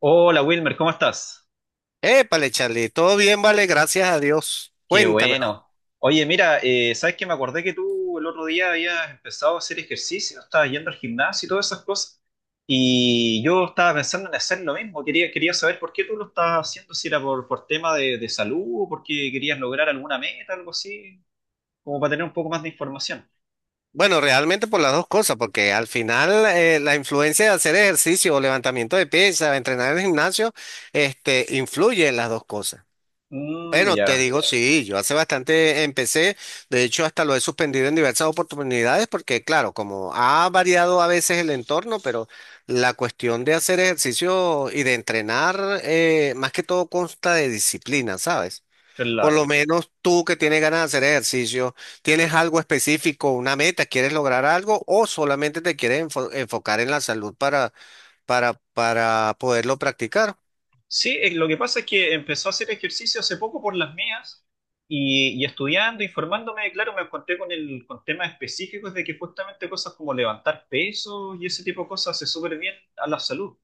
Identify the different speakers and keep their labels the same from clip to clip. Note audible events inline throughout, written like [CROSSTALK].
Speaker 1: Hola Wilmer, ¿cómo estás?
Speaker 2: Épale, Charlie, todo bien, vale, gracias a Dios.
Speaker 1: Qué
Speaker 2: Cuéntamelo.
Speaker 1: bueno. Oye, mira, ¿sabes? Que me acordé que tú el otro día habías empezado a hacer ejercicio, estabas yendo al gimnasio y todas esas cosas, y yo estaba pensando en hacer lo mismo. Quería saber por qué tú lo estabas haciendo, si era por tema de salud o porque querías lograr alguna meta, algo así, como para tener un poco más de información.
Speaker 2: Bueno, realmente por las dos cosas, porque al final la influencia de hacer ejercicio o levantamiento de pesas, entrenar en el gimnasio, influye en las dos cosas.
Speaker 1: Mm,
Speaker 2: Bueno, te
Speaker 1: ya,
Speaker 2: digo, sí, yo hace bastante empecé, de hecho hasta lo he suspendido en diversas oportunidades, porque claro, como ha variado a veces el entorno, pero la cuestión de hacer ejercicio y de entrenar, más que todo consta de disciplina, ¿sabes? Por lo
Speaker 1: claro.
Speaker 2: menos tú que tienes ganas de hacer ejercicio, ¿tienes algo específico, una meta, quieres lograr algo o solamente te quieres enfocar en la salud para, para poderlo practicar?
Speaker 1: Sí, lo que pasa es que empezó a hacer ejercicio hace poco por las mías y estudiando, informándome, claro, me encontré con, el, con temas específicos de que justamente cosas como levantar pesos y ese tipo de cosas hace súper bien a la salud.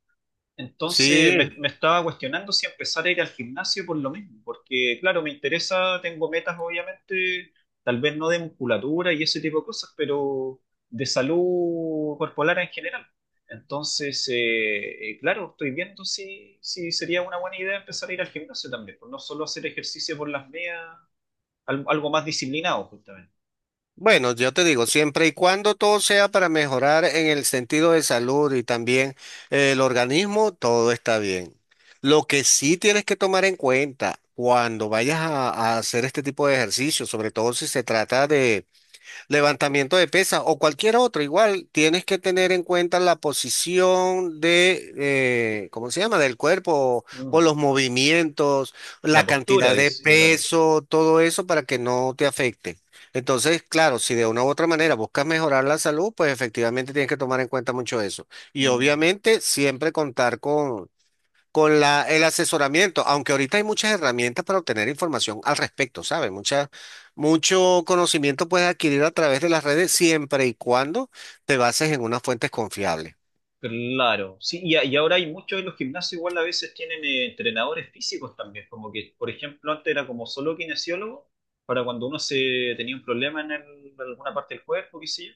Speaker 1: Entonces
Speaker 2: Sí.
Speaker 1: me estaba cuestionando si empezar a ir al gimnasio por lo mismo, porque claro, me interesa, tengo metas obviamente, tal vez no de musculatura y ese tipo de cosas, pero de salud corporal en general. Entonces, claro, estoy viendo si, si sería una buena idea empezar a ir al gimnasio también, pues no solo hacer ejercicio por las medias, algo más disciplinado justamente.
Speaker 2: Bueno, yo te digo, siempre y cuando todo sea para mejorar en el sentido de salud y también el organismo, todo está bien. Lo que sí tienes que tomar en cuenta cuando vayas a hacer este tipo de ejercicio, sobre todo si se trata de levantamiento de pesas o cualquier otro, igual tienes que tener en cuenta la posición de, ¿cómo se llama?, del cuerpo o
Speaker 1: Mm.
Speaker 2: los movimientos,
Speaker 1: La
Speaker 2: la
Speaker 1: postura,
Speaker 2: cantidad de
Speaker 1: dice, claro.
Speaker 2: peso, todo eso para que no te afecte. Entonces, claro, si de una u otra manera buscas mejorar la salud, pues efectivamente tienes que tomar en cuenta mucho eso. Y
Speaker 1: Mm.
Speaker 2: obviamente siempre contar con el asesoramiento, aunque ahorita hay muchas herramientas para obtener información al respecto, ¿sabes? Mucho conocimiento puedes adquirir a través de las redes siempre y cuando te bases en unas fuentes confiables.
Speaker 1: Claro, sí, y, y ahora hay muchos en los gimnasios, igual a veces tienen entrenadores físicos también, como que, por ejemplo, antes era como solo kinesiólogo, para cuando uno se tenía un problema en, en alguna parte del cuerpo, qué sé yo,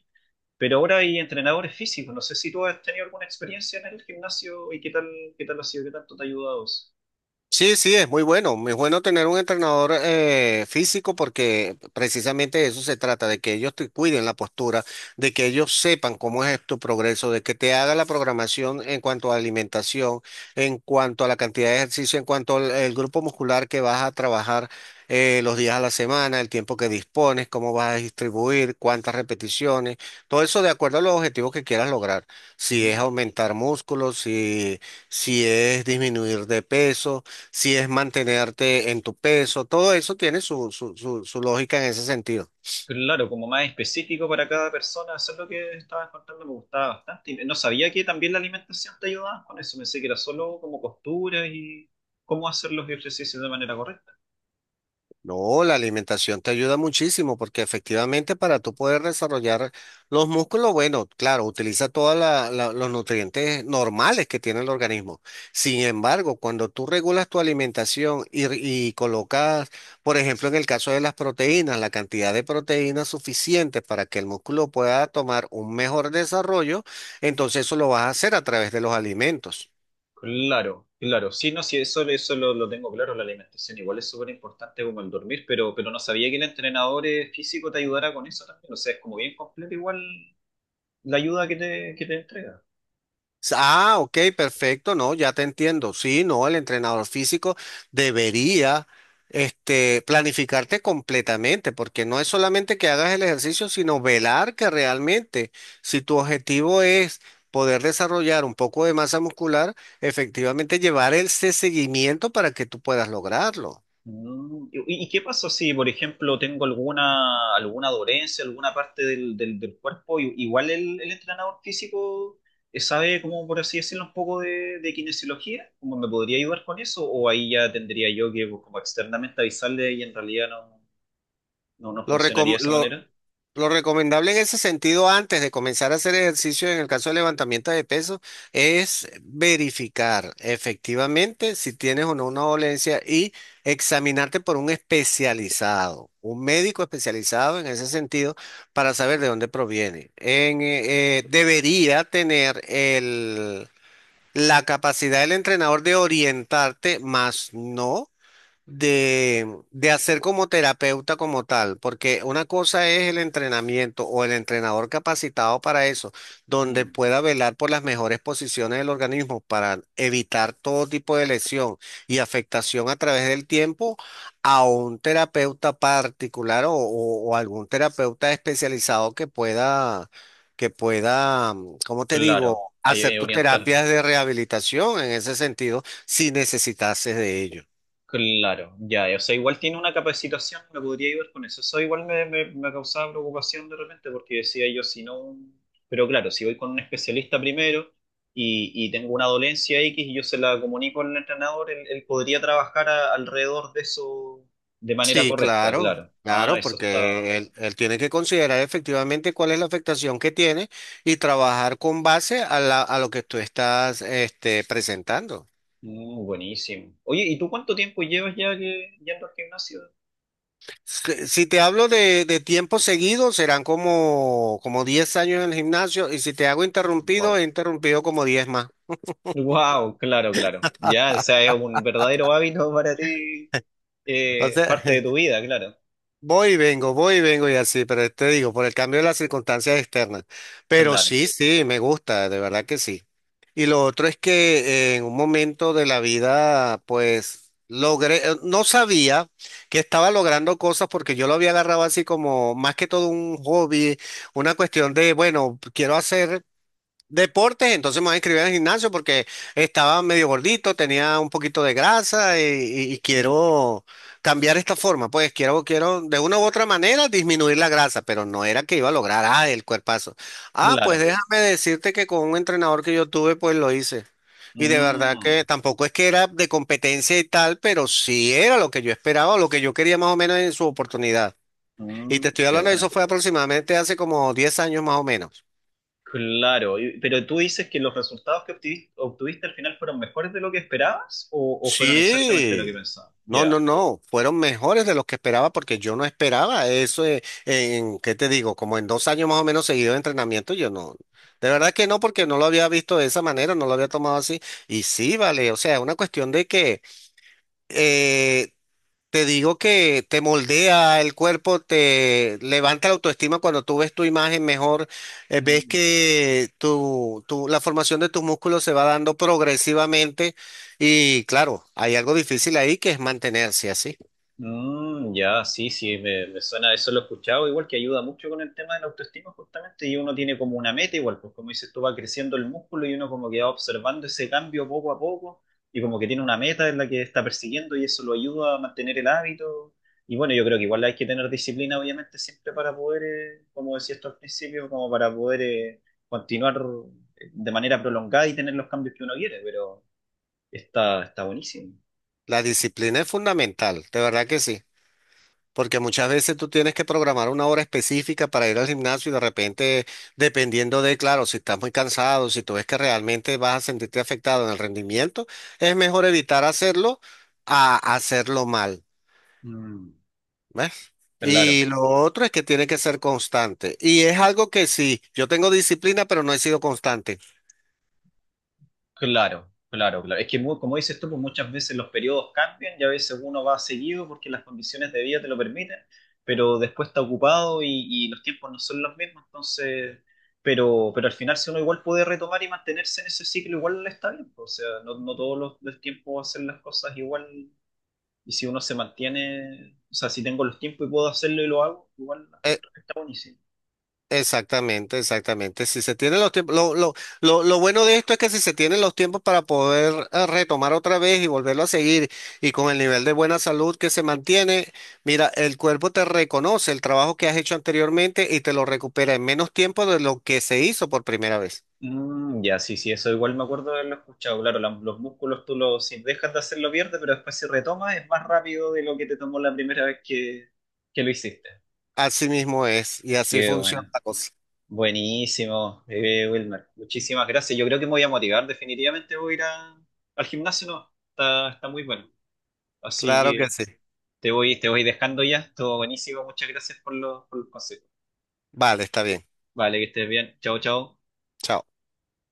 Speaker 1: pero ahora hay entrenadores físicos, no sé si tú has tenido alguna experiencia en el gimnasio y qué tal ha sido, qué tanto te ha ayudado eso.
Speaker 2: Sí, sí, es muy bueno. Muy bueno tener un entrenador físico porque precisamente de eso se trata, de que ellos te cuiden la postura, de que ellos sepan cómo es tu progreso, de que te haga la programación en cuanto a alimentación, en cuanto a la cantidad de ejercicio, en cuanto al el grupo muscular que vas a trabajar los días a la semana, el tiempo que dispones, cómo vas a distribuir, cuántas repeticiones, todo eso de acuerdo a los objetivos que quieras lograr. Si es aumentar músculos, si, si es disminuir de peso, si es mantenerte en tu peso, todo eso tiene su lógica en ese sentido.
Speaker 1: Claro, como más específico para cada persona, eso es lo que estabas contando, me gustaba bastante. Y no sabía que también la alimentación te ayudaba con eso, pensé que era solo como posturas y cómo hacer los ejercicios de manera correcta.
Speaker 2: No, la alimentación te ayuda muchísimo porque efectivamente para tú poder desarrollar los músculos, bueno, claro, utiliza todos los nutrientes normales que tiene el organismo. Sin embargo, cuando tú regulas tu alimentación y colocas, por ejemplo, en el caso de las proteínas, la cantidad de proteínas suficiente para que el músculo pueda tomar un mejor desarrollo, entonces eso lo vas a hacer a través de los alimentos.
Speaker 1: Claro, claro, sí, no, sí, eso, eso lo tengo claro, la alimentación igual es súper importante como el dormir, pero no sabía que el entrenador físico te ayudara con eso también, o sea, es como bien completo igual la ayuda que te entrega.
Speaker 2: Ah, ok, perfecto, no, ya te entiendo. Sí, no, el entrenador físico debería planificarte completamente, porque no es solamente que hagas el ejercicio, sino velar que realmente, si tu objetivo es poder desarrollar un poco de masa muscular, efectivamente llevar ese seguimiento para que tú puedas lograrlo.
Speaker 1: Mm, ¿y, y qué pasa si, por ejemplo, tengo alguna, alguna dolencia, alguna parte del cuerpo? Igual el entrenador físico sabe, como por así decirlo, un poco de kinesiología, ¿cómo me podría ayudar con eso? ¿O ahí ya tendría yo que, pues, como externamente avisarle y en realidad no, no, no
Speaker 2: Lo,
Speaker 1: funcionaría de
Speaker 2: recom-
Speaker 1: esa
Speaker 2: lo-
Speaker 1: manera?
Speaker 2: Lo recomendable en ese sentido, antes de comenzar a hacer ejercicio en el caso de levantamiento de peso, es verificar efectivamente si tienes o no una dolencia y examinarte por un especializado, un médico especializado en ese sentido, para saber de dónde proviene. Debería tener la capacidad del entrenador de orientarte, más no de, de hacer como terapeuta como tal, porque una cosa es el entrenamiento o el entrenador capacitado para eso, donde
Speaker 1: Mm,
Speaker 2: pueda velar por las mejores posiciones del organismo para evitar todo tipo de lesión y afectación a través del tiempo, a un terapeuta particular o algún terapeuta especializado que pueda, ¿cómo te
Speaker 1: claro,
Speaker 2: digo?
Speaker 1: ahí hay
Speaker 2: Hacer
Speaker 1: que
Speaker 2: tus
Speaker 1: orientarme.
Speaker 2: terapias de rehabilitación en ese sentido si necesitases de ello.
Speaker 1: Claro, ya, o sea, igual tiene una capacitación, me podría ayudar con eso. Eso igual me causaba preocupación de repente porque decía yo, si no, pero claro, si voy con un especialista primero y tengo una dolencia X y yo se la comunico al entrenador, él podría trabajar alrededor de eso de manera
Speaker 2: Sí,
Speaker 1: correcta,
Speaker 2: claro,
Speaker 1: claro. Ah,
Speaker 2: claro,
Speaker 1: eso está
Speaker 2: porque él tiene que considerar efectivamente cuál es la afectación que tiene y trabajar con base a a lo que tú estás presentando.
Speaker 1: mm, buenísimo. Oye, ¿y tú cuánto tiempo llevas ya que, yendo al gimnasio?
Speaker 2: Si te hablo de tiempo seguido, serán como, como 10 años en el gimnasio y si te hago interrumpido,
Speaker 1: Wow.
Speaker 2: he interrumpido como 10 más.
Speaker 1: Wow, claro, claro. Ya, o sea, es un verdadero hábito para ti.
Speaker 2: O sea,
Speaker 1: Parte de tu
Speaker 2: [LAUGHS]
Speaker 1: vida, claro,
Speaker 2: voy y vengo, voy y vengo y así, pero te digo, por el cambio de las circunstancias externas. Pero
Speaker 1: claro,
Speaker 2: sí, sí, me gusta, de verdad que sí. Y lo otro es que en un momento de la vida, pues logré, no sabía que estaba logrando cosas porque yo lo había agarrado así como más que todo un hobby, una cuestión de, bueno, quiero hacer deportes, entonces me voy a inscribir al gimnasio porque estaba medio gordito, tenía un poquito de grasa y quiero cambiar esta forma. Pues quiero, quiero de una u otra manera disminuir la grasa, pero no era que iba a lograr, ah, el cuerpazo. Ah, pues
Speaker 1: claro.
Speaker 2: déjame decirte que con un entrenador que yo tuve, pues lo hice. Y de verdad
Speaker 1: Mm,
Speaker 2: que tampoco es que era de competencia y tal, pero sí era lo que yo esperaba, lo que yo quería más o menos en su oportunidad. Y
Speaker 1: mm,
Speaker 2: te estoy
Speaker 1: qué
Speaker 2: hablando de
Speaker 1: bueno.
Speaker 2: eso fue aproximadamente hace como 10 años más o menos.
Speaker 1: Claro, y- pero tú dices que los resultados que obtuviste al final fueron mejores de lo que esperabas o fueron exactamente lo que
Speaker 2: Sí,
Speaker 1: pensabas.
Speaker 2: no, no,
Speaker 1: Ya.
Speaker 2: no, fueron mejores de los que esperaba porque yo no esperaba eso, ¿qué te digo? Como en 2 años más o menos seguido de entrenamiento, yo no, de verdad que no, porque no lo había visto de esa manera, no lo había tomado así, y sí, vale, o sea, es una cuestión de que eh, te digo que te moldea el cuerpo, te levanta la autoestima cuando tú ves tu imagen mejor, ves
Speaker 1: Mm.
Speaker 2: que la formación de tus músculos se va dando progresivamente y claro, hay algo difícil ahí que es mantenerse así.
Speaker 1: Mm, ya, sí, sí, me suena, eso lo he escuchado, igual que ayuda mucho con el tema de la autoestima justamente, y uno tiene como una meta igual, pues como dices tú, va creciendo el músculo y uno como que va observando ese cambio poco a poco, y como que tiene una meta en la que está persiguiendo y eso lo ayuda a mantener el hábito, y bueno, yo creo que igual hay que tener disciplina obviamente siempre para poder, como decías tú al principio, como para poder continuar de manera prolongada y tener los cambios que uno quiere, pero está, está buenísimo.
Speaker 2: La disciplina es fundamental, de verdad que sí. Porque muchas veces tú tienes que programar una hora específica para ir al gimnasio y de repente, dependiendo de, claro, si estás muy cansado, si tú ves que realmente vas a sentirte afectado en el rendimiento, es mejor evitar hacerlo a hacerlo mal,
Speaker 1: Mm.
Speaker 2: ¿ves?
Speaker 1: Claro.
Speaker 2: Y lo otro es que tiene que ser constante. Y es algo que sí, yo tengo disciplina, pero no he sido constante.
Speaker 1: Claro, claro, claro. Es que como dices tú, pues muchas veces los periodos cambian y a veces uno va seguido porque las condiciones de vida te lo permiten, pero después está ocupado y los tiempos no son los mismos, entonces, pero al final si uno igual puede retomar y mantenerse en ese ciclo, igual está bien, pues, o sea, no, no todos los tiempos hacer las cosas igual y si uno se mantiene, o sea, si tengo los tiempos y puedo hacerlo y lo hago, igual la encuentro que está buenísimo.
Speaker 2: Exactamente, exactamente. Si se tienen los tiempos, lo bueno de esto es que si se tienen los tiempos para poder retomar otra vez y volverlo a seguir y con el nivel de buena salud que se mantiene, mira, el cuerpo te reconoce el trabajo que has hecho anteriormente y te lo recupera en menos tiempo de lo que se hizo por primera vez.
Speaker 1: Mm, ya, sí, sí, eso igual me acuerdo de haberlo escuchado. Claro, los músculos tú los, si dejas de hacerlo viernes, pero después si retomas es más rápido de lo que te tomó la primera vez que lo hiciste.
Speaker 2: Así mismo es y así
Speaker 1: Qué
Speaker 2: funciona
Speaker 1: bueno.
Speaker 2: la cosa.
Speaker 1: Buenísimo, Wilmer. Muchísimas gracias. Yo creo que me voy a motivar. Definitivamente voy a ir al gimnasio, ¿no? Está, está muy bueno. Así
Speaker 2: Claro que
Speaker 1: que
Speaker 2: sí.
Speaker 1: te voy dejando ya. Todo buenísimo. Muchas gracias por los consejos.
Speaker 2: Vale, está bien.
Speaker 1: Vale, que estés bien. Chao, chao.
Speaker 2: Chao.